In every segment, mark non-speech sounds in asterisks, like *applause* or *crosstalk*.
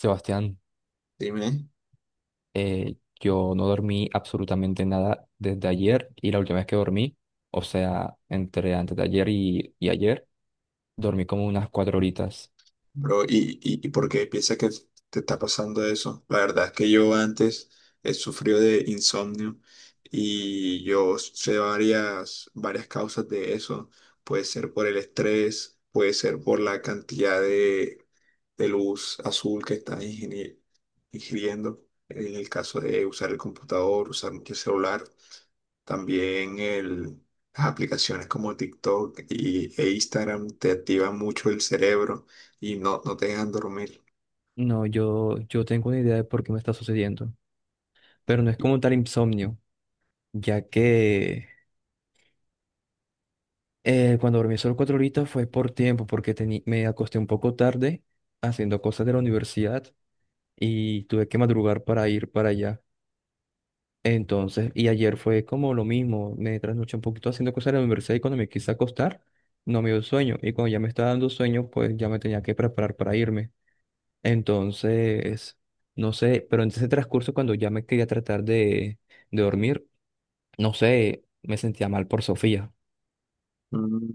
Sebastián, Dime, yo no dormí absolutamente nada desde ayer y la última vez que dormí, o sea, entre antes de ayer y ayer, dormí como unas 4 horitas. bro, ¿y por qué piensas que te está pasando eso? La verdad es que yo antes he sufrido de insomnio y yo sé varias causas de eso. Puede ser por el estrés, puede ser por la cantidad de luz azul que estás ingiriendo en el caso de usar el computador, usar mucho el celular, también las aplicaciones como TikTok e Instagram te activan mucho el cerebro y no te dejan dormir. No, yo tengo una idea de por qué me está sucediendo, pero no es como tal insomnio, ya que cuando dormí solo 4 horitas fue por tiempo, porque me acosté un poco tarde haciendo cosas de la universidad y tuve que madrugar para ir para allá. Entonces, y ayer fue como lo mismo, me trasnoché un poquito haciendo cosas en la universidad y cuando me quise acostar, no me dio sueño. Y cuando ya me estaba dando sueño, pues ya me tenía que preparar para irme. Entonces, no sé, pero en ese transcurso cuando ya me quería tratar de dormir, no sé, me sentía mal por Sofía. Mm,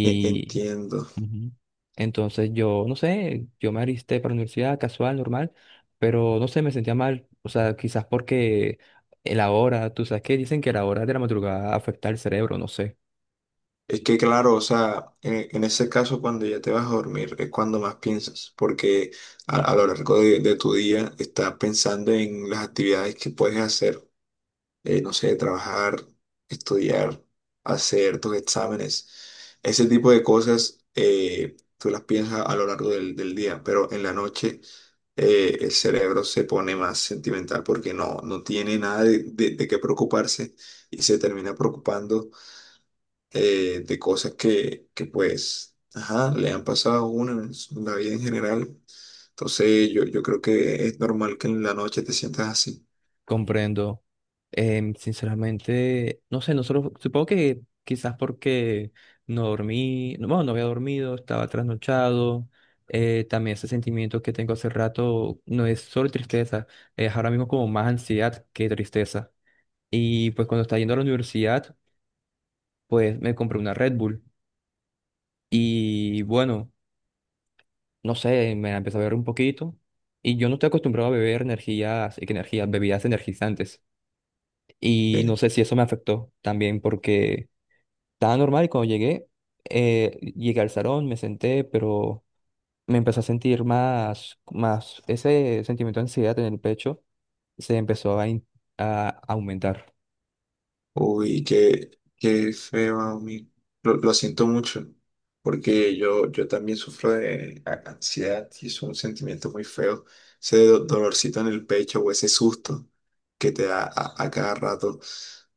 Entiendo. ujú. Entonces yo, no sé, yo me alisté para la universidad casual, normal, pero no sé, me sentía mal. O sea, quizás porque la hora, tú sabes que dicen que la hora de la madrugada afecta al cerebro, no sé, Es que claro, o sea, en ese caso cuando ya te vas a dormir es cuando más piensas, porque a lo largo de tu día estás pensando en las actividades que puedes hacer, no sé, trabajar, estudiar, hacer tus exámenes, ese tipo de cosas. Tú las piensas a lo largo del día, pero en la noche el cerebro se pone más sentimental porque no tiene nada de qué preocuparse y se termina preocupando, de cosas que pues, ajá, le han pasado a uno en en la vida en general. Entonces yo creo que es normal que en la noche te sientas así. comprendo. Sinceramente, no sé, nosotros, supongo que quizás porque no dormí, no, bueno, no había dormido, estaba trasnochado. También ese sentimiento que tengo hace rato no es solo tristeza, es ahora mismo como más ansiedad que tristeza. Y pues cuando estaba yendo a la universidad, pues me compré una Red Bull. Y bueno, no sé, me la empecé a beber un poquito. Y yo no estoy acostumbrado a beber energías, que energías, bebidas energizantes. Y no Sí. sé si eso me afectó también porque estaba normal y cuando llegué, llegué al salón, me senté, pero me empecé a sentir más, ese sentimiento de ansiedad en el pecho se empezó a aumentar. Uy, qué feo a mí. Lo siento mucho, porque yo también sufro de ansiedad y es un sentimiento muy feo. Ese dolorcito en el pecho o ese susto que te da a cada rato.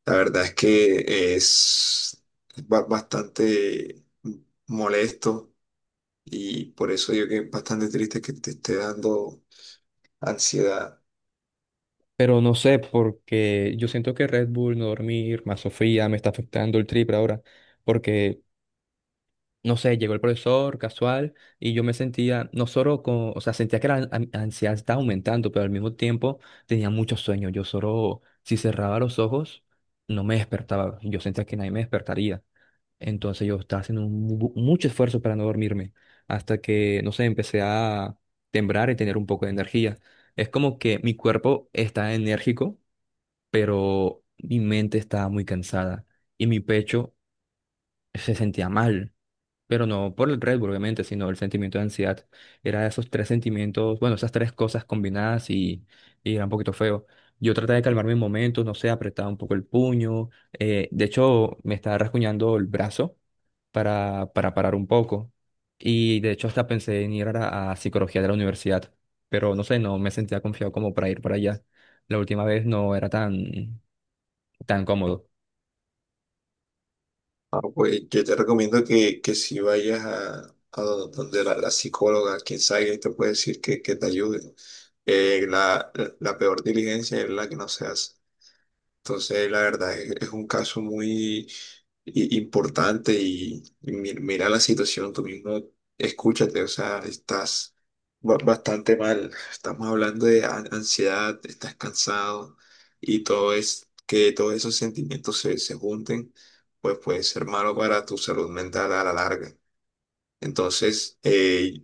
La verdad es que es bastante molesto, y por eso yo que es bastante triste que te esté dando ansiedad. Pero no sé, porque yo siento que Red Bull, no dormir, más Sofía, me está afectando el triple ahora. Porque, no sé, llegó el profesor casual y yo me sentía, no solo con, o sea, sentía que la ansiedad estaba aumentando, pero al mismo tiempo tenía mucho sueño. Yo solo, si cerraba los ojos, no me despertaba. Yo sentía que nadie me despertaría. Entonces yo estaba haciendo un mucho esfuerzo para no dormirme. Hasta que, no sé, empecé a temblar y tener un poco de energía. Es como que mi cuerpo está enérgico, pero mi mente estaba muy cansada y mi pecho se sentía mal, pero no por el Red Bull, obviamente, sino el sentimiento de ansiedad. Era esos tres sentimientos, bueno, esas tres cosas combinadas y era un poquito feo. Yo traté de calmarme en momentos, no sé, apretaba un poco el puño, de hecho me estaba rasguñando el brazo para parar un poco y de hecho hasta pensé en ir a psicología de la universidad, pero no sé, no me sentía confiado como para ir para allá. La última vez no era tan cómodo. Ah, pues yo te recomiendo que si vayas a donde la psicóloga, quien sabe, y te puede decir que te ayude. Eh, la, la peor diligencia es la que no se hace. Entonces, la verdad es un caso muy importante y mira la situación, tú mismo escúchate, o sea, estás bastante mal, estamos hablando de ansiedad, estás cansado, y todo es que todos esos sentimientos se junten, pues puede ser malo para tu salud mental a la larga. Entonces, eh,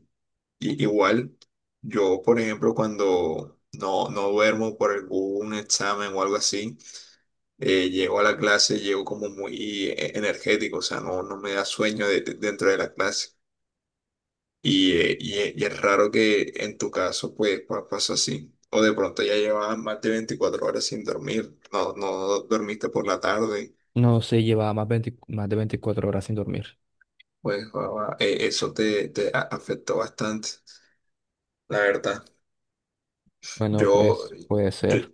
i- igual, yo, por ejemplo, cuando no duermo por algún examen o algo así, llego a la clase, llego como muy, energético, o sea, no me da sueño dentro de la clase. Y es raro que en tu caso, pues, pasó así. O de pronto ya llevabas más de 24 horas sin dormir, no dormiste por la tarde, No sé, llevaba más, 20 más de 24 horas sin dormir. pues eso te afectó bastante, la verdad. Bueno, Yo, pues puede yo, ser.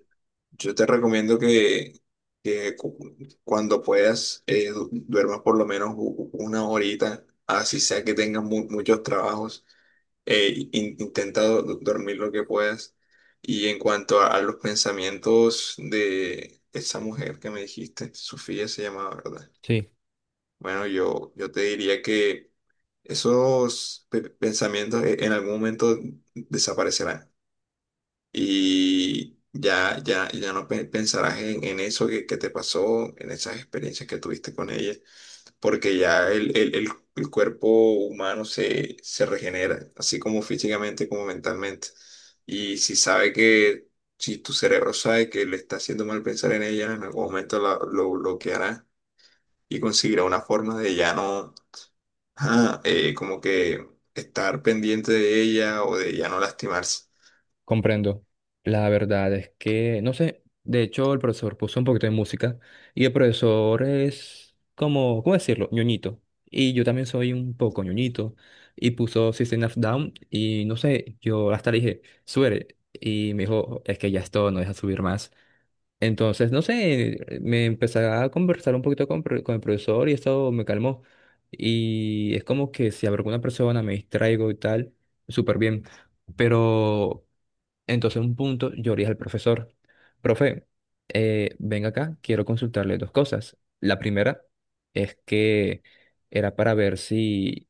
Yo te recomiendo que cuando puedas, duermas por lo menos una horita, así sea que tengas muchos trabajos, intenta dormir lo que puedas. Y en cuanto a los pensamientos de esa mujer que me dijiste, Sofía se llamaba, ¿verdad? Sí, Bueno, yo te diría que esos pensamientos, en algún momento desaparecerán y ya no pensarás en eso que te pasó, en esas experiencias que tuviste con ella, porque ya el cuerpo humano se regenera, así como físicamente como mentalmente. Y si sabe si tu cerebro sabe que le está haciendo mal pensar en ella, en algún momento lo bloqueará y conseguirá una forma de ya no, como que estar pendiente de ella, o de ya no lastimarse. comprendo. La verdad es que, no sé, de hecho el profesor puso un poquito de música y el profesor es como, ¿cómo decirlo?, ñoñito. Y yo también soy un poco ñoñito y puso System of Down y no sé, yo hasta le dije, sube. Y me dijo, es que ya es todo, no deja subir más. Entonces, no sé, me empecé a conversar un poquito con el profesor y eso me calmó. Y es como que si hablo con una persona, me distraigo y tal, súper bien. Pero entonces un punto yo le dije al profesor, profe, venga acá, quiero consultarle dos cosas. La primera es que era para ver si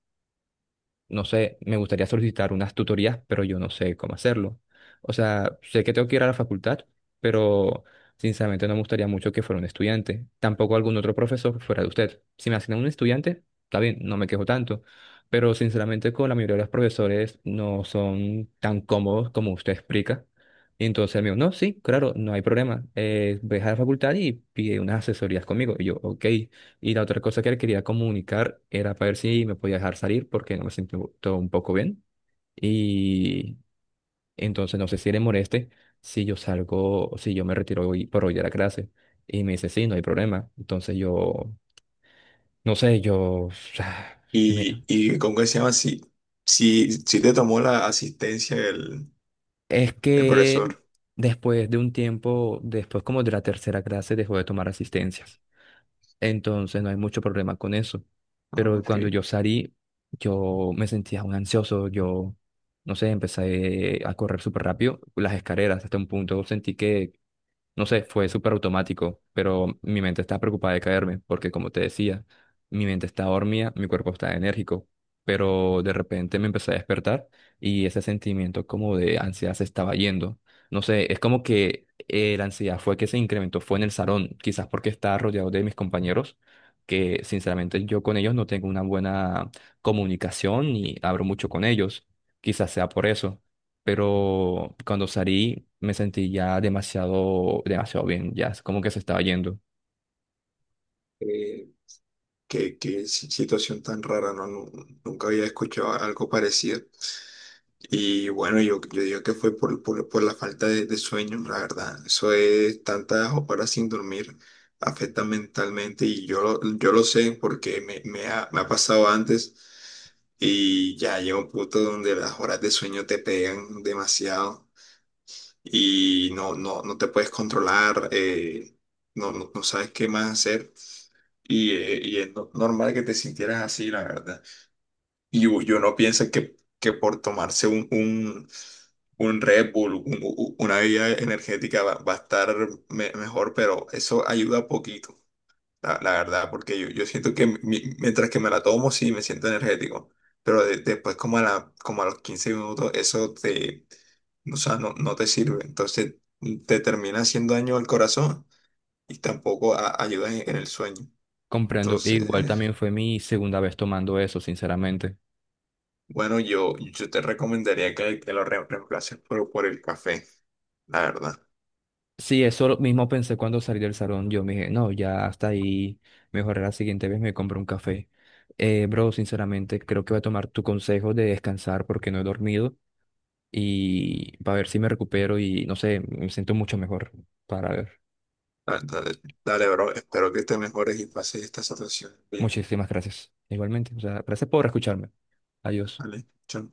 no sé, me gustaría solicitar unas tutorías, pero yo no sé cómo hacerlo. O sea, sé que tengo que ir a la facultad, pero sinceramente no me gustaría mucho que fuera un estudiante, tampoco algún otro profesor fuera de usted. Si me asignan un estudiante, está bien, no me quejo tanto, pero sinceramente con la mayoría de los profesores no son tan cómodos como usted explica. Y entonces el mío, no, sí, claro, no hay problema. Ve a la facultad y pide unas asesorías conmigo. Y yo, ok. Y la otra cosa que le quería comunicar era para ver si me podía dejar salir porque no me siento todo un poco bien. Y entonces no sé si le moleste si yo salgo, o si yo me retiro hoy por hoy de la clase. Y me dice, sí, no hay problema. Entonces yo, no sé, yo, *sighs* me- Y ¿cómo que se llama? Si, si te tomó la asistencia es el que profesor. después de un tiempo, después como de la tercera clase, dejó de tomar asistencias. Entonces no hay mucho problema con eso. Ah, Pero ok. cuando yo salí, yo me sentía un ansioso, yo, no sé, empecé a correr súper rápido las escaleras hasta un punto, sentí que no sé, fue súper automático, pero mi mente está preocupada de caerme, porque como te decía, mi mente está dormida, mi cuerpo está enérgico, pero de repente me empecé a despertar y ese sentimiento como de ansiedad se estaba yendo. No sé, es como que la ansiedad fue que se incrementó, fue en el salón, quizás porque estaba rodeado de mis compañeros, que sinceramente yo con ellos no tengo una buena comunicación ni hablo mucho con ellos, quizás sea por eso, pero cuando salí me sentí ya demasiado, demasiado bien, ya es como que se estaba yendo. Eh, qué situación tan rara, ¿no? Nunca había escuchado algo parecido. Y bueno, yo digo que fue por la falta de sueño, la verdad. Eso es tantas horas sin dormir, afecta mentalmente y yo lo sé porque me ha pasado antes, y ya llega un punto donde las horas de sueño te pegan demasiado y no te puedes controlar, no sabes qué más hacer. Y es normal que te sintieras así, la verdad. Y yo no pienso que por tomarse un Red Bull, una bebida energética va a estar mejor, pero eso ayuda poquito la verdad, porque yo siento que mientras que me la tomo, sí me siento energético, pero después como a como a los 15 minutos, eso te, o sea, no te sirve. Entonces te termina haciendo daño al corazón, y tampoco ayuda en el sueño. Comprendo, e igual Entonces, también fue mi segunda vez tomando eso, sinceramente. bueno, yo te recomendaría que lo reemplaces por el café, la verdad. Sí, eso lo mismo pensé cuando salí del salón, yo me dije, no, ya hasta ahí, mejor la siguiente vez me compro un café. Bro, sinceramente, creo que voy a tomar tu consejo de descansar porque no he dormido y para ver si me recupero y no sé, me siento mucho mejor para ver. Dale, dale, Dale, bro, espero que te mejores y pases esta situación bien, Muchísimas gracias. Igualmente, o sea, gracias por escucharme. Adiós. ¿vale? Chao.